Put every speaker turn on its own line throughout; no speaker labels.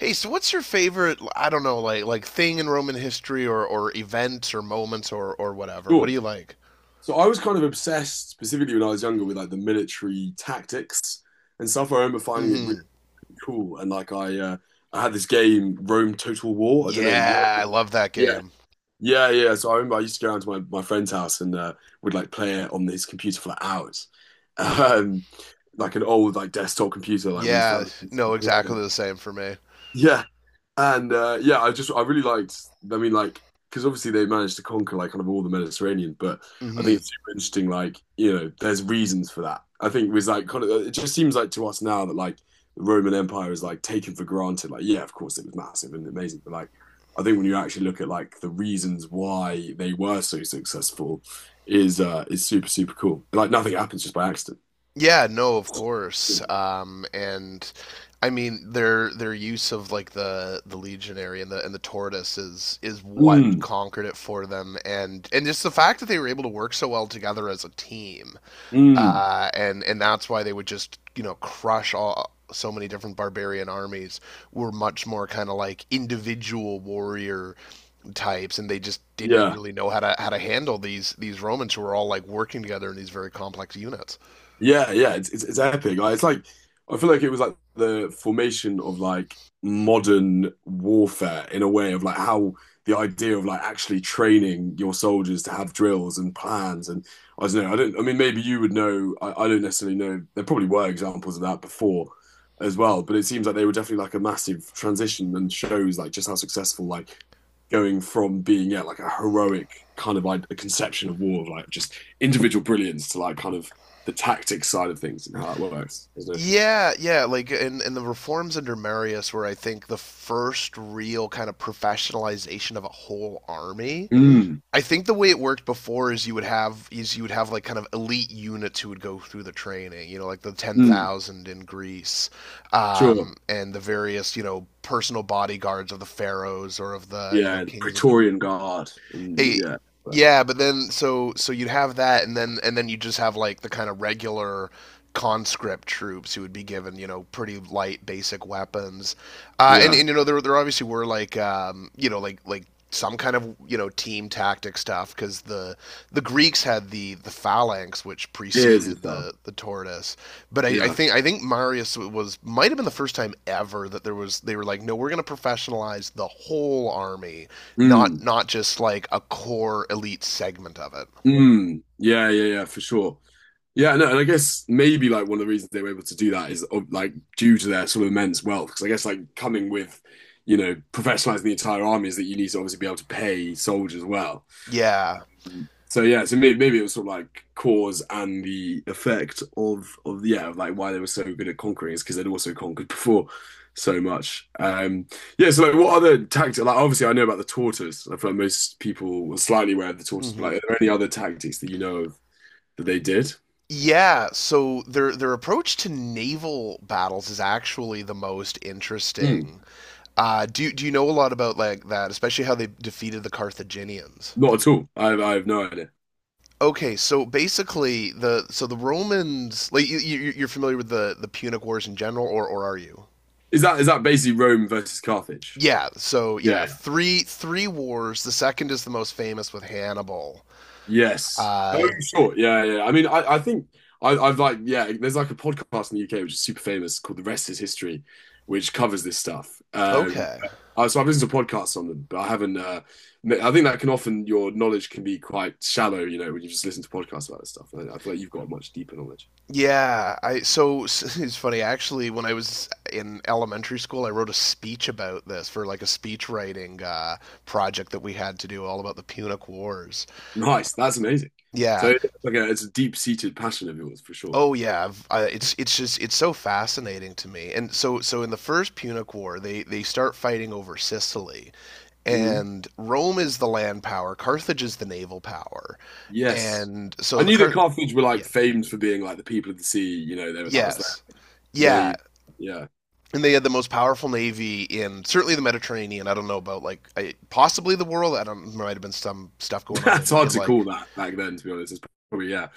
Hey, so what's your favorite, I don't know, like thing in Roman history or events or moments or whatever? What
Sure.
do you like?
So I was kind of obsessed, specifically when I was younger, with like the military tactics and stuff. I remember finding it really
Mhm.
cool, and like I had this game, Rome Total War. I don't know if you heard.
Yeah, I
Of it.
love that
Yeah,
game.
yeah, yeah. So I remember I used to go around to my friend's house and would like play it on his computer for like hours, um, like an old like desktop computer, like when his
Yeah,
family.
no, exactly the same for me.
Yeah. And yeah, I really liked. I mean, like, because obviously they managed to conquer like kind of all the Mediterranean, but I think
Mhm.
it's super interesting. Like, you know, there's reasons for that. I think it was like kind of. It just seems like to us now that like the Roman Empire is like taken for granted. Like, yeah, of course it was massive and amazing, but like, I think when you actually look at like the reasons why they were so successful, is super super cool. Like, nothing happens just by accident.
Yeah, no, of course. And I mean their use of like the legionary and the tortoise is what
Mm,
conquered it for them, and just the fact that they were able to work so well together as a team,
mm,
and that's why they would just, you know, crush all so many different barbarian armies. Were much more kind of like individual warrior types, and they just didn't
yeah.
really know how to handle these Romans who were all like working together in these very complex units.
Yeah, yeah, it's epic. Like, it's like I feel like it was like the formation of like modern warfare in a way of like how the idea of like actually training your soldiers to have drills and plans and I don't know, I don't, I mean maybe you would know. I don't necessarily know there probably were examples of that before as well, but it seems like they were definitely like a massive transition and shows like just how successful like going from being yeah like a heroic kind of like a conception of war like just individual brilliance to like kind of the tactics side of things and how that works. Isn't it?
Yeah, yeah, like in the reforms under Marius were, I think, the first real kind of professionalization of a whole army.
Mm,
I think the way it worked before is you would have like kind of elite units who would go through the training, you know, like the ten
mm,
thousand in Greece,
sure.
and the various, you know, personal bodyguards of the pharaohs or of the, you know,
Yeah, the
kings of,
Praetorian Guard and
eh,
yeah,
yeah. But then, so you'd have that, and then you just have like the kind of regular conscript troops who would be given, you know, pretty light basic weapons, uh, and
yeah,
and you know, there obviously were like, you know, like some kind of, you know, team tactic stuff because the Greeks had the phalanx which
ears and
preceded
stuff.
the tortoise. But I, I
Yeah.
think I think Marius was might have been the first time ever that there was, they were like, no, we're going to professionalize the whole army, not
Mm,
not just like a core elite segment of it.
mm. Yeah, yeah, yeah, for sure. Yeah, no, and I guess maybe like one of the reasons they were able to do that is like due to their sort of immense wealth. Because I guess like coming with, professionalizing the entire army is that you need to obviously be able to pay soldiers well.
Yeah.
So yeah, so maybe it was sort of like cause and the effect of yeah, of, like why they were so good at conquering is because they'd also conquered before so much. Yeah, so like what other tactics? Like obviously, I know about the tortoise. I feel like most people were slightly aware of the tortoise, but
Mm-hmm.
like, are there any other tactics that you know of that they did?
Yeah, so their approach to naval battles is actually the most
Hmm,
interesting. Do you know a lot about like that, especially how they defeated the Carthaginians?
not at all. I have no idea.
Okay, so basically the Romans, like you, you're familiar with the Punic Wars in general, or are you?
Is that basically Rome versus Carthage?
Yeah, so
Yeah,
yeah,
yeah.
three wars. The second is the most famous with Hannibal.
Yes. Oh,
Uh,
sure. Yeah, yeah, yeah. I mean, I think I've like, yeah, there's like a podcast in the UK which is super famous called The Rest is History, which covers this stuff.
okay.
So I've listened to podcasts on them, but I haven't. I think that can often your knowledge can be quite shallow, when you just listen to podcasts about this stuff. I feel like you've got a much deeper knowledge.
Yeah, I so it's funny actually when I was in elementary school I wrote a speech about this for like a speech writing project that we had to do all about the Punic Wars.
Nice, that's amazing. So,
Yeah.
okay, it's a deep-seated passion of yours for sure.
Oh yeah, it's just, it's so fascinating to me. And so in the first Punic War they start fighting over Sicily,
Mhm.
and Rome is the land power, Carthage is the naval power.
Yes,
And so
I
the
knew that
Car
Carthage were like
Yeah.
famed for being like the people of the sea. You know, they, that was their
Yes. Yeah,
name. Yeah.
and they had the most powerful navy in certainly the Mediterranean. I don't know about like, possibly the world. I don't. There might have been some stuff going on
That's
in,
hard
in
to call
like,
that back then, to be honest. It's probably, yeah,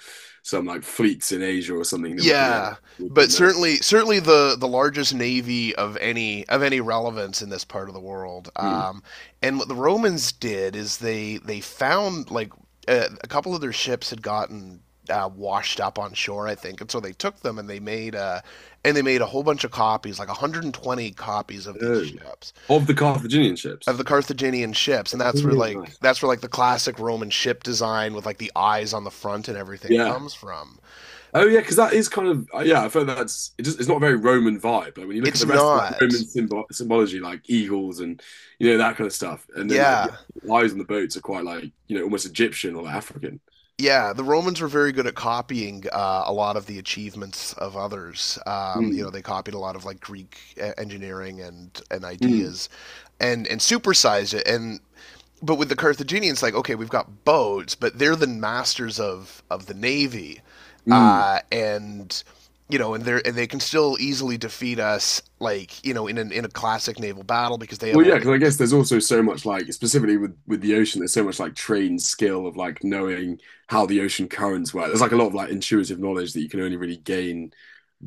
some like fleets in Asia or something that were pretty active
yeah,
with the
but
nerve.
certainly the largest navy of any relevance in this part of the world.
Hmm.
And what the Romans did is they found like a couple of their ships had gotten, washed up on shore, I think, and so they took them and they made a and they made a whole bunch of copies, like 120 copies
Oh, of the Carthaginian
of the
ships.
Carthaginian ships,
Oh,
and that's where like
nice.
that's where like the classic Roman ship design with like the eyes on the front and everything
Yeah.
comes from.
Oh yeah, because that is kind of yeah. I feel that's it just, it's not a very Roman vibe. Like when you look at
It's
the rest of like Roman
not.
symbology, like eagles and that kind of stuff, and then like yeah,
Yeah.
the eyes on the boats are quite like almost Egyptian or like, African.
Yeah, the Romans were very good at copying, a lot of the achievements of others.
Mm,
They copied a lot of like Greek, engineering and
mm,
ideas, and supersized it. And but with the Carthaginians, like, okay, we've got boats, but they're the masters of the navy,
mm.
and, you know, and they can still easily defeat us, like, you know, in a classic naval battle because they have
Well, yeah,
all the,
because I
t—
guess there's also so much like specifically with the ocean, there's so much like trained skill of like knowing how the ocean currents work. There's like a lot of like intuitive knowledge that you can only really gain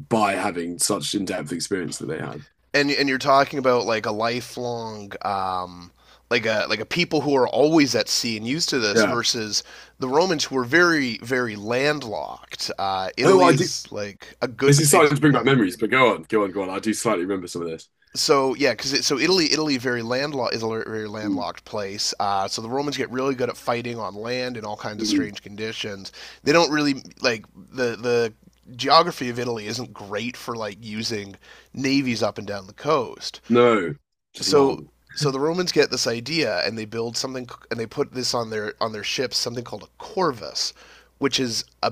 by having such in-depth experience that they had.
and you're talking about like a lifelong, like a people who are always at sea and used to this
Yeah.
versus the Romans who were very very landlocked.
Oh,
Italy
I do.
is like a
This
good,
is starting
it's,
to bring back
yeah.
memories, but go on, go on, go on. I do slightly remember some of this.
So yeah, because so Italy, Italy very landlocked is a very
Mm,
landlocked place. So the Romans get really good at fighting on land in all kinds of
mm.
strange conditions. They don't really like — the geography of Italy isn't great for like using navies up and down the coast.
No, just long.
So so the Romans get this idea, and they build something, and they put this on their ships, something called a corvus, which is a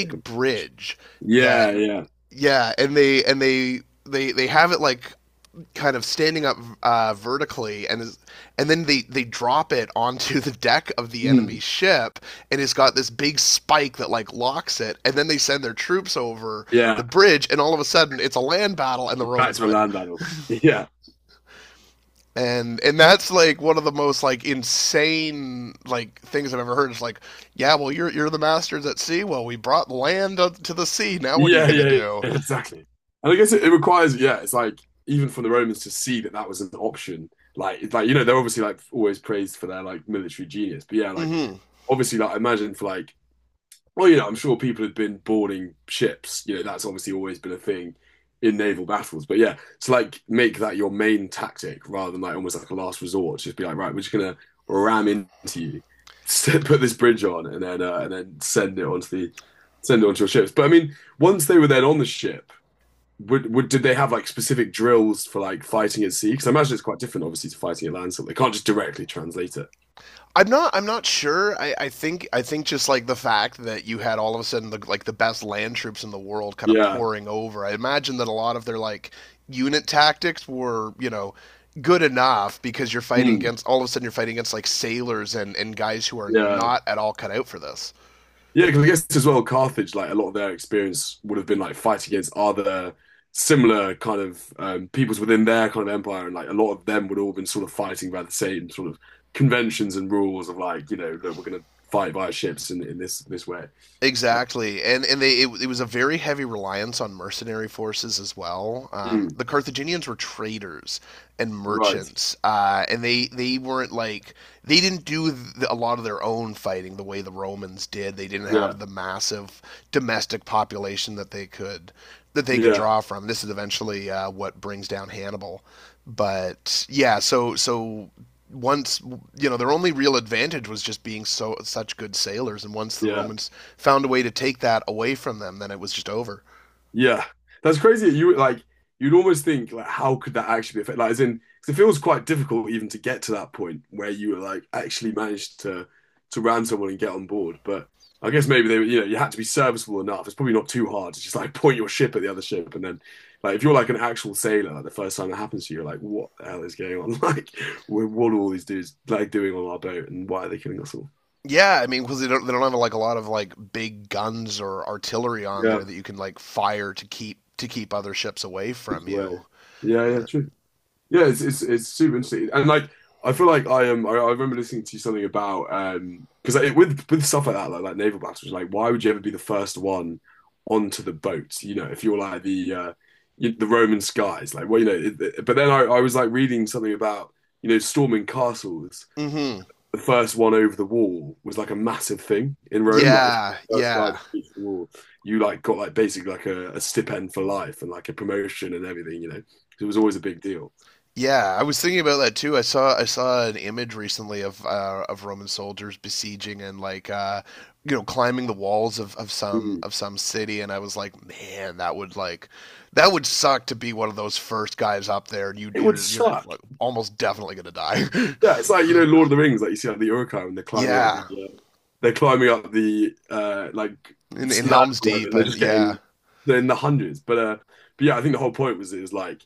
Like a,
bridge that,
yeah, yeah.
yeah, and they have it like kind of standing up, vertically, and is, and then they drop it onto the deck of the enemy
Mm,
ship, and it's got this big spike that like locks it, and then they send their troops over the
yeah.
bridge, and all of a sudden it's a land battle and the
Back
Romans
to a
win.
land battle. Yeah.
And that's like one of the most like insane like things I've ever heard. It's like, yeah, well, you're the masters at sea, well, we brought land up to the sea, now what are you
Yeah,
going to
yeah, yeah,
do?
exactly. And I guess it requires, yeah, it's like even from the Romans to see that that was an option. Like, it's like you know, they're obviously like always praised for their like military genius, but yeah, like
Hmm.
obviously, like I imagine for like well, you know, I'm sure people had been boarding ships. You know, that's obviously always been a thing in naval battles. But yeah, to like make that your main tactic rather than like almost like a last resort. Just be like, right, we're just gonna ram into you, put this bridge on, and then send it onto your ships. But I mean, once they were then on the ship, would did they have like specific drills for like fighting at sea? Because I imagine it's quite different, obviously, to fighting at land. So they can't just directly translate it.
I'm not. I'm not sure. I think just like the fact that you had all of a sudden the, like the best land troops in the world kind of
Yeah.
pouring over. I imagine that a lot of their like unit tactics were, you know, good enough because you're fighting
Hmm.
against all of a sudden you're fighting against like sailors and guys who are
Yeah.
not at all cut out for this.
Yeah, because I guess as well, Carthage, like a lot of their experience would have been like fighting against other similar kind of peoples within their kind of empire, and like a lot of them would all been sort of fighting by the same sort of conventions and rules of like, you know, that we're going to fight via ships in this way. Uh,
Exactly, and they it was a very heavy reliance on mercenary forces as well.
mm,
The Carthaginians were traders and
right.
merchants, and they weren't like, they didn't do th a lot of their own fighting the way the Romans did. They didn't
Yeah.
have the massive domestic population that they could
Yeah.
draw from. This is eventually, what brings down Hannibal, but yeah, so once, you know, their only real advantage was just being such good sailors, and once the
Yeah.
Romans found a way to take that away from them, then it was just over.
Yeah, that's crazy. You'd almost think like how could that actually be affected? Like, as in, because it feels quite difficult even to get to that point where you were like actually managed to ram someone and get on board. But I guess maybe you know you had to be serviceable enough. It's probably not too hard to just like point your ship at the other ship and then like if you're like an actual sailor, like, the first time that happens to you, you're like, what the hell is going on? Like, what are all these dudes like doing on our boat and why are they killing us all?
Yeah, I mean, because they don't have like a lot of like big guns or artillery on
Yeah,
there that you can like fire to keep other ships away
it's
from
way.
you.
Yeah, yeah, true. Yeah, it's super interesting, and like I feel like I am. I remember listening to something about because like, with stuff like that, like naval battles, like why would you ever be the first one onto the boat? You know, if you're like the Roman skies, like well, you know. But then I was like reading something about storming castles.
Mm-hmm.
The first one over the wall was like a massive thing in Rome. Like if
Yeah,
you were the first guy
yeah.
to reach the wall, you like got like basically like a stipend for life and like a promotion and everything. You know, it was always a big deal.
Yeah, I was thinking about that too. I saw an image recently of, of Roman soldiers besieging and like, you know, climbing the walls of some,
Mm.
of some city, and I was like, man, that would like — that would suck to be one of those first guys up there, and you
It would
you're, you're
suck.
like almost definitely gonna die.
Yeah, it's like you know Lord of the Rings, like you see like the Uruk-hai when they're climbing up
Yeah,
the they're climbing up the like
in
slab
Helm's
or whatever,
Deep,
and they're
and
just
yeah,
getting they're in the hundreds. But yeah, I think the whole point was is like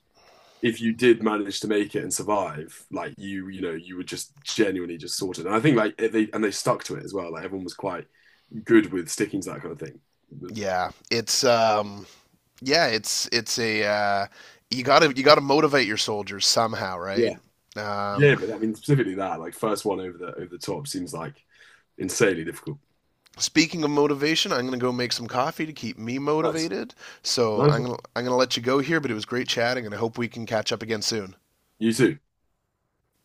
if you did manage to make it and survive, like you know you were just genuinely just sorted. And I think like they stuck to it as well. Like everyone was quite good with sticking to that kind of thing.
yeah, it's, yeah, it's a you gotta motivate your soldiers somehow,
Yeah.
right? Um,
Yeah, but I mean specifically that like first one over the top seems like insanely difficult.
Speaking of motivation, I'm going to go make some coffee to keep me
Nice.
motivated. So
Nice
I'm
one.
going to, I'm going to let you go here, but it was great chatting, and I hope we can catch up again soon.
You too.